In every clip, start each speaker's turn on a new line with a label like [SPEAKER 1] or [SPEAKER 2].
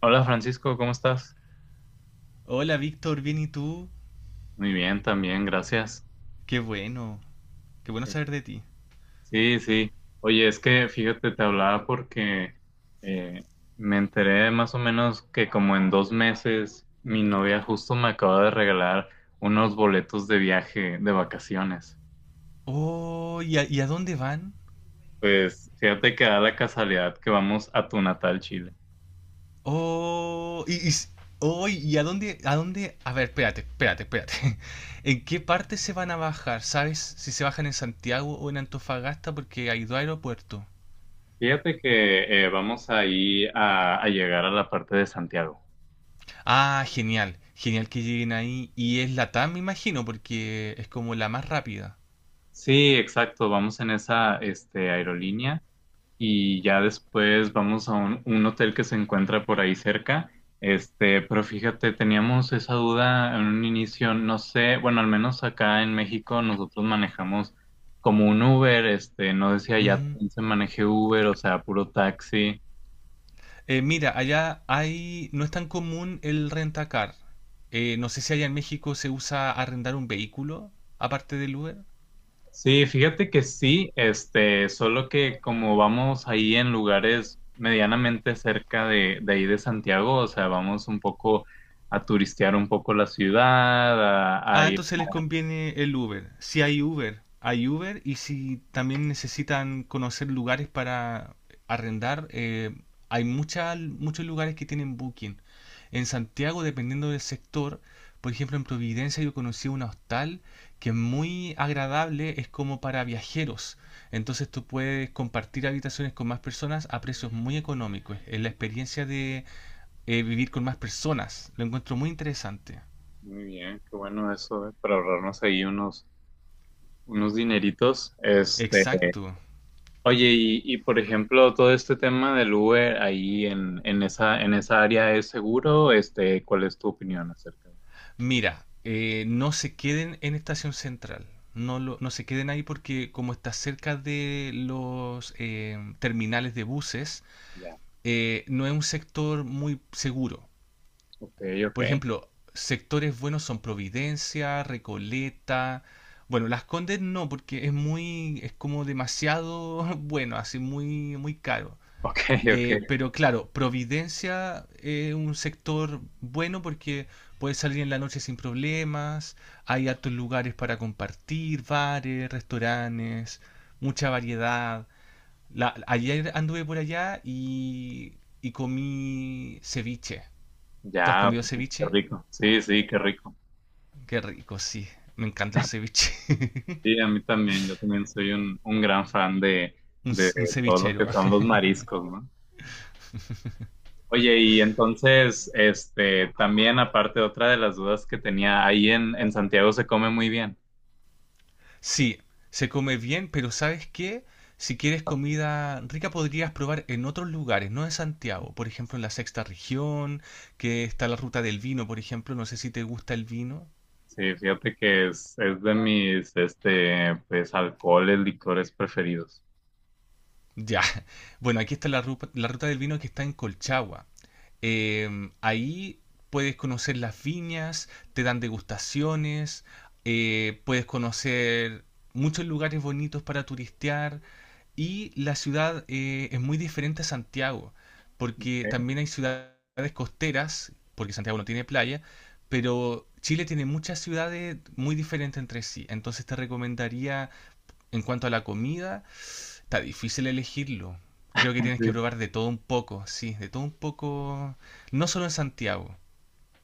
[SPEAKER 1] Hola Francisco, ¿cómo estás?
[SPEAKER 2] Hola Víctor, bien y tú.
[SPEAKER 1] Muy bien, también, gracias.
[SPEAKER 2] Qué bueno, qué bueno saber de ti.
[SPEAKER 1] Sí, sí. Oye, es que fíjate, te hablaba porque eh, me enteré más o menos que como en 2 meses mi novia justo me acaba de regalar unos boletos de viaje de vacaciones.
[SPEAKER 2] Oh, ¿y a dónde van?
[SPEAKER 1] Pues fíjate que da la casualidad que vamos a tu natal Chile.
[SPEAKER 2] Oh, y, y s- oh, ¿Y a dónde, a dónde? A ver, espérate, espérate, espérate. ¿En qué parte se van a bajar? ¿Sabes si se bajan en Santiago o en Antofagasta? Porque hay dos aeropuertos.
[SPEAKER 1] Fíjate que vamos ahí a llegar a la parte de Santiago.
[SPEAKER 2] Ah, genial, genial que lleguen ahí. Y es la TAM, me imagino, porque es como la más rápida.
[SPEAKER 1] Sí, exacto, vamos en esa aerolínea. Y ya después vamos a un hotel que se encuentra por ahí cerca. Pero fíjate, teníamos esa duda en un inicio, no sé, bueno, al menos acá en México nosotros manejamos como un Uber, no decía ya también se maneje Uber, o sea, puro taxi.
[SPEAKER 2] Mira, allá hay, no es tan común el rentacar. No sé si allá en México se usa arrendar un vehículo, aparte del Uber.
[SPEAKER 1] Sí, fíjate que sí, solo que como vamos ahí en lugares medianamente cerca de ahí de Santiago, o sea, vamos un poco a turistear un poco la ciudad, a
[SPEAKER 2] Ah,
[SPEAKER 1] ir.
[SPEAKER 2] entonces les conviene el Uber. Si hay Uber, hay Uber. Y si también necesitan conocer lugares para arrendar, muchos lugares que tienen Booking. En Santiago, dependiendo del sector, por ejemplo, en Providencia yo conocí un hostal que es muy agradable, es como para viajeros. Entonces tú puedes compartir habitaciones con más personas a precios muy económicos. Es la experiencia de vivir con más personas. Lo encuentro muy interesante.
[SPEAKER 1] Muy bien, qué bueno eso, para ahorrarnos ahí unos dineritos.
[SPEAKER 2] Exacto.
[SPEAKER 1] Oye, por ejemplo, todo este tema del Uber ahí en en esa área es seguro, ¿cuál es tu opinión acerca de eso?
[SPEAKER 2] Mira, no se queden en Estación Central. No, no se queden ahí porque como está cerca de los terminales de buses,
[SPEAKER 1] Ya,
[SPEAKER 2] no es un sector muy seguro.
[SPEAKER 1] ok, ok,
[SPEAKER 2] Por ejemplo, sectores buenos son Providencia, Recoleta. Bueno, Las Condes no, porque es muy, es como demasiado bueno, así muy, muy caro.
[SPEAKER 1] ok, ok,
[SPEAKER 2] Pero claro, Providencia es un sector bueno porque puedes salir en la noche sin problemas, hay hartos lugares para compartir, bares, restaurantes, mucha variedad. Ayer anduve por allá y comí ceviche. ¿Tú has
[SPEAKER 1] ya, ok,
[SPEAKER 2] comido
[SPEAKER 1] qué
[SPEAKER 2] ceviche?
[SPEAKER 1] rico, sí, sí, qué rico.
[SPEAKER 2] Qué rico, sí. Me encanta el ceviche.
[SPEAKER 1] Sí, a mí también, yo también soy un gran fan
[SPEAKER 2] Un,
[SPEAKER 1] de
[SPEAKER 2] un
[SPEAKER 1] todo lo
[SPEAKER 2] cevichero.
[SPEAKER 1] que son los mariscos, ¿no? Oye, y entonces, también aparte, otra de las dudas que tenía, ahí en Santiago se come muy bien.
[SPEAKER 2] Sí, se come bien, pero ¿sabes qué? Si quieres comida rica podrías probar en otros lugares, no en Santiago. Por ejemplo, en la sexta región, que está la ruta del vino, por ejemplo. No sé si te gusta el vino.
[SPEAKER 1] Sí, fíjate que es de mis, pues, alcoholes, licores preferidos.
[SPEAKER 2] Ya. Bueno, aquí está la ruta del vino que está en Colchagua. Ahí puedes conocer las viñas, te dan degustaciones, puedes conocer muchos lugares bonitos para turistear. Y la ciudad es muy diferente a Santiago, porque
[SPEAKER 1] ¿Ok?
[SPEAKER 2] también hay ciudades costeras, porque Santiago no tiene playa, pero Chile tiene muchas ciudades muy diferentes entre sí. Entonces te recomendaría, en cuanto a la comida, está difícil elegirlo. Creo que tienes que
[SPEAKER 1] Sí.
[SPEAKER 2] probar de todo un poco, sí, de todo un poco, no solo en Santiago,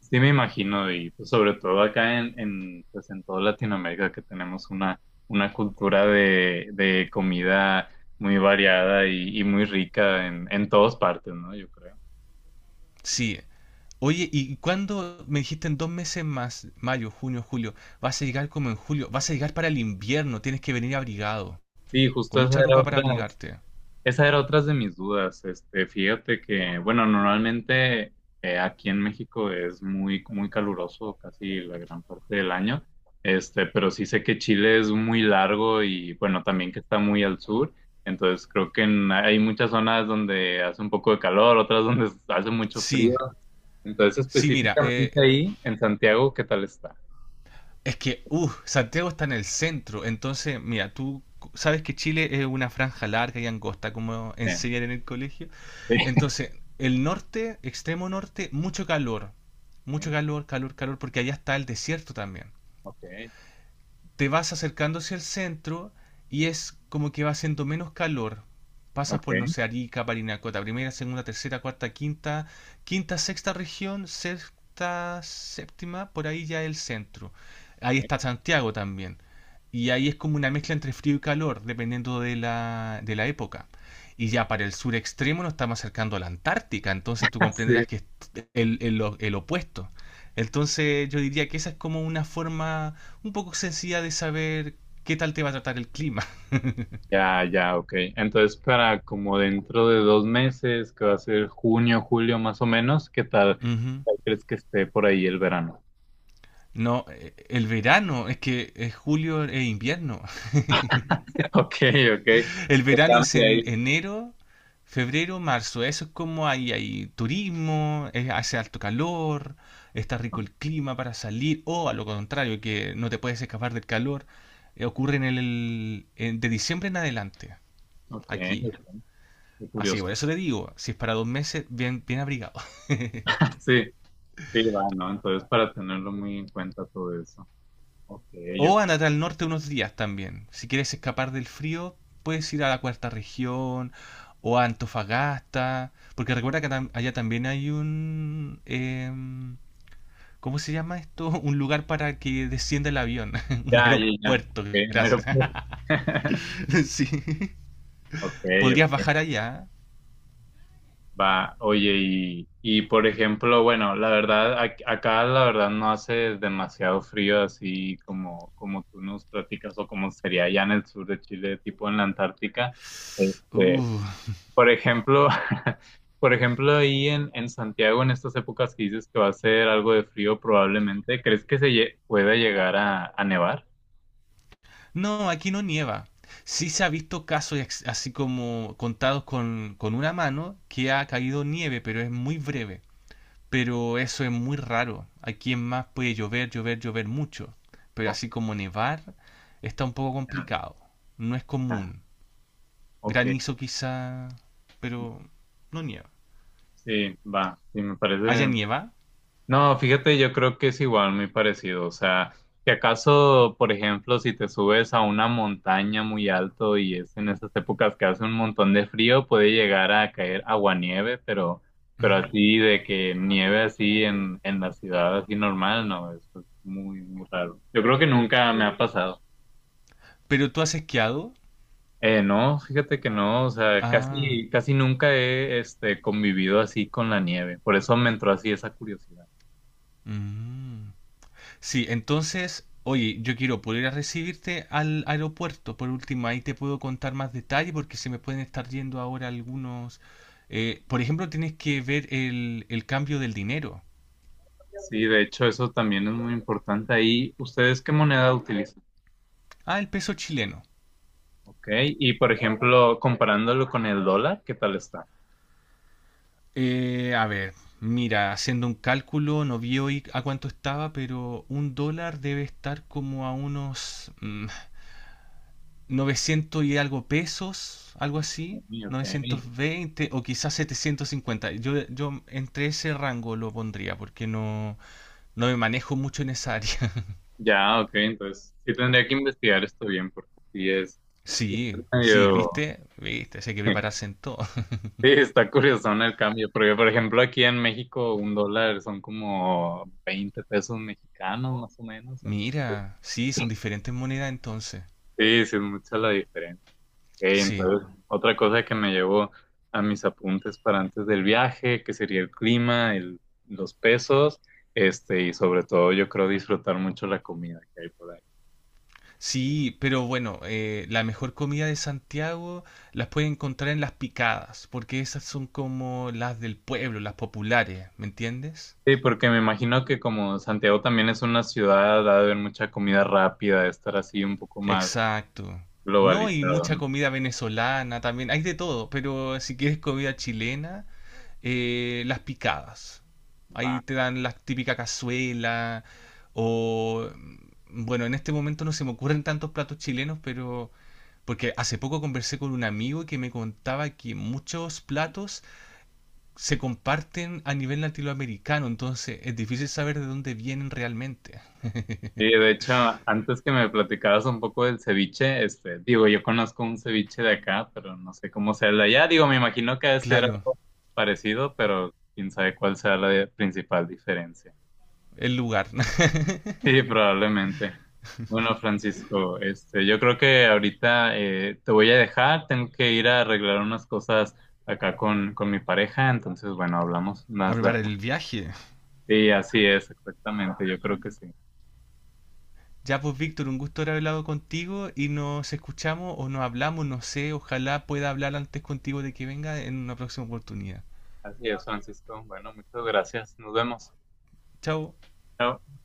[SPEAKER 1] Sí, me imagino, y pues, sobre todo acá pues, en toda Latinoamérica que tenemos una cultura de comida muy variada y muy rica en todas partes, ¿no? Yo creo.
[SPEAKER 2] sí. Oye, ¿y cuándo me dijiste en dos meses más, mayo, junio, julio, vas a llegar como en julio, vas a llegar para el invierno, tienes que venir abrigado.
[SPEAKER 1] Sí, justo
[SPEAKER 2] Con
[SPEAKER 1] esa
[SPEAKER 2] mucha
[SPEAKER 1] era
[SPEAKER 2] ropa para
[SPEAKER 1] otra.
[SPEAKER 2] abrigarte.
[SPEAKER 1] Esa era otra de mis dudas. Fíjate que, bueno, normalmente aquí en México es muy, muy caluroso casi la gran parte del año. Pero sí sé que Chile es muy largo y, bueno, también que está muy al sur. Entonces creo que hay muchas zonas donde hace un poco de calor, otras donde hace mucho
[SPEAKER 2] Sí,
[SPEAKER 1] frío. Entonces,
[SPEAKER 2] sí, mira,
[SPEAKER 1] específicamente ahí, en Santiago, ¿qué tal está?
[SPEAKER 2] es que, Santiago está en el centro, entonces, mira, tú sabes que Chile es una franja larga y angosta, como
[SPEAKER 1] Eh,
[SPEAKER 2] enseñan en el colegio. Entonces, el norte, extremo norte, mucho
[SPEAKER 1] sí.
[SPEAKER 2] calor, calor, calor, porque allá está el desierto también.
[SPEAKER 1] Ok,
[SPEAKER 2] Te vas acercando hacia el centro y es como que va haciendo menos calor. Pasas por, no
[SPEAKER 1] ok,
[SPEAKER 2] sé, Arica, Parinacota, primera, segunda, tercera, cuarta, quinta, quinta, sexta región, sexta, séptima, por ahí ya el centro. Ahí
[SPEAKER 1] ok.
[SPEAKER 2] está Santiago también. Y ahí es como una mezcla entre frío y calor, dependiendo de la época. Y ya para el sur extremo nos estamos acercando a la Antártica, entonces tú comprenderás que es el opuesto. Entonces yo diría que esa es como una forma un poco sencilla de saber qué tal te va a tratar el clima.
[SPEAKER 1] Ya, ya, ok. Entonces, para como dentro de 2 meses, que va a ser junio, julio más o menos, qué
[SPEAKER 2] Ujú.
[SPEAKER 1] tal crees que esté por ahí el verano?
[SPEAKER 2] No, el verano, es que es julio e invierno.
[SPEAKER 1] Ok, ok.
[SPEAKER 2] El
[SPEAKER 1] Se
[SPEAKER 2] verano es
[SPEAKER 1] cambia
[SPEAKER 2] en
[SPEAKER 1] ahí.
[SPEAKER 2] enero, febrero, marzo. Eso es como ahí hay turismo, hace alto calor, está rico el clima para salir, o a lo contrario, que no te puedes escapar del calor. Ocurre en de diciembre en adelante,
[SPEAKER 1] Ok,
[SPEAKER 2] aquí.
[SPEAKER 1] ok. Qué
[SPEAKER 2] Así que
[SPEAKER 1] curioso.
[SPEAKER 2] por eso te digo, si es para dos meses, bien, bien abrigado.
[SPEAKER 1] Sí, sí, va, ¿no? Entonces, para tenerlo muy en cuenta todo eso. Ok, yo.
[SPEAKER 2] O andate al norte unos días también. Si quieres escapar del frío, puedes ir a la cuarta región o a Antofagasta. Porque recuerda que allá también hay un... ¿Cómo se llama esto? Un lugar para que descienda el avión. Un
[SPEAKER 1] Ya, ya, ya.
[SPEAKER 2] aeropuerto,
[SPEAKER 1] Ok, no
[SPEAKER 2] gracias.
[SPEAKER 1] era-
[SPEAKER 2] Sí.
[SPEAKER 1] Ok,
[SPEAKER 2] Podrías
[SPEAKER 1] ok.
[SPEAKER 2] bajar allá.
[SPEAKER 1] Va, oye, y por ejemplo, bueno, la verdad, acá la verdad no hace demasiado frío así como, como tú nos platicas o como sería allá en el sur de Chile, tipo en la Antártica. Este,
[SPEAKER 2] Uh.
[SPEAKER 1] por ejemplo, por ejemplo, ahí en Santiago, en estas épocas que dices que va a ser algo de frío probablemente, ¿crees que pueda llegar a nevar?
[SPEAKER 2] No, aquí no nieva. Sí se ha visto casos así como contados con una mano que ha caído nieve, pero es muy breve. Pero eso es muy raro. Aquí en más puede llover, llover, llover mucho, pero
[SPEAKER 1] O-
[SPEAKER 2] así como nevar está un poco
[SPEAKER 1] ah,
[SPEAKER 2] complicado. No es
[SPEAKER 1] ah,
[SPEAKER 2] común.
[SPEAKER 1] ok,
[SPEAKER 2] Granizo quizá, pero no nieva.
[SPEAKER 1] sí, va, sí, me
[SPEAKER 2] ¿Allá
[SPEAKER 1] parece.
[SPEAKER 2] nieva?
[SPEAKER 1] No, fíjate, yo creo que es igual, muy parecido. O sea, que acaso, por ejemplo, si te subes a una montaña muy alto y es en esas épocas que hace un montón de frío, puede llegar a caer aguanieve, pero
[SPEAKER 2] Ujú.
[SPEAKER 1] así de que nieve así en la ciudad, así normal, no, eso es muy, muy raro. Yo creo que nunca me ha pasado.
[SPEAKER 2] ¿Pero tú has esquiado?
[SPEAKER 1] No, fíjate que no, o sea,
[SPEAKER 2] Ah,
[SPEAKER 1] casi, casi nunca he, convivido así con la nieve. Por eso me entró así esa curiosidad.
[SPEAKER 2] mm. Sí, entonces, oye, yo quiero poder ir a recibirte al aeropuerto. Por último, ahí te puedo contar más detalle porque se me pueden estar yendo ahora algunos... por ejemplo, tienes que ver el cambio del dinero.
[SPEAKER 1] Sí, de hecho, eso también es muy importante. Ahí, ¿ustedes qué moneda utilizan?
[SPEAKER 2] Ah, el peso chileno.
[SPEAKER 1] Ok, y por ejemplo, comparándolo con el dólar, ¿qué tal está?
[SPEAKER 2] A ver, mira, haciendo un cálculo, no vi hoy a cuánto estaba, pero un dólar debe estar como a unos 900 y algo pesos, algo así,
[SPEAKER 1] Uy, ok,
[SPEAKER 2] 920 o quizás 750. Yo entre ese rango lo pondría porque no, no me manejo mucho en esa área.
[SPEAKER 1] ya, ok, entonces sí tendría que investigar esto bien porque sí es
[SPEAKER 2] Sí, sí,
[SPEAKER 1] medio...
[SPEAKER 2] ¿viste? ¿Viste? Sí hay que prepararse en todo.
[SPEAKER 1] Sí, está curioso ¿no? El cambio, porque por ejemplo aquí en México un dólar son como 20 pesos mexicanos más o menos, entonces
[SPEAKER 2] Mira, sí, son diferentes monedas entonces.
[SPEAKER 1] sí, sí es mucha la diferencia. Ok,
[SPEAKER 2] Sí.
[SPEAKER 1] entonces, otra cosa que me llevó a mis apuntes para antes del viaje, que sería el clima, los pesos, y sobre todo yo creo disfrutar mucho la comida que hay por ahí.
[SPEAKER 2] Sí, pero bueno, la mejor comida de Santiago las puedes encontrar en las picadas, porque esas son como las del pueblo, las populares, ¿me entiendes?
[SPEAKER 1] Sí, porque me imagino que como Santiago también es una ciudad, ha de haber mucha comida rápida, de estar así un poco más
[SPEAKER 2] Exacto. No, y
[SPEAKER 1] globalizado,
[SPEAKER 2] mucha
[SPEAKER 1] ¿no?
[SPEAKER 2] comida venezolana también, hay de todo, pero si quieres comida chilena, las picadas.
[SPEAKER 1] Va.
[SPEAKER 2] Ahí te dan la típica cazuela o... mm, bueno, en este momento no se me ocurren tantos platos chilenos, pero porque hace poco conversé con un amigo que me contaba que muchos platos se comparten a nivel latinoamericano, entonces es difícil saber de dónde vienen realmente.
[SPEAKER 1] Sí, de hecho, antes que me platicaras un poco del ceviche, digo, yo conozco un ceviche de acá, pero no sé cómo sea el de allá. Digo, me imagino que debe ser
[SPEAKER 2] Claro,
[SPEAKER 1] algo parecido, pero quién sabe cuál sea principal diferencia.
[SPEAKER 2] el lugar.
[SPEAKER 1] Sí, probablemente. Bueno, Francisco, yo creo que ahorita te voy a dejar, tengo que ir a arreglar unas cosas acá con mi pareja, entonces, bueno, hablamos
[SPEAKER 2] A
[SPEAKER 1] más de...
[SPEAKER 2] preparar el viaje.
[SPEAKER 1] Sí, así es, exactamente, yo creo que sí.
[SPEAKER 2] Ya pues Víctor, un gusto haber hablado contigo y nos escuchamos o nos hablamos, no sé, ojalá pueda hablar antes contigo de que venga en una próxima oportunidad.
[SPEAKER 1] Así es, Francisco. Bueno, muchas gracias, nos vemos.
[SPEAKER 2] Chao.
[SPEAKER 1] Chao.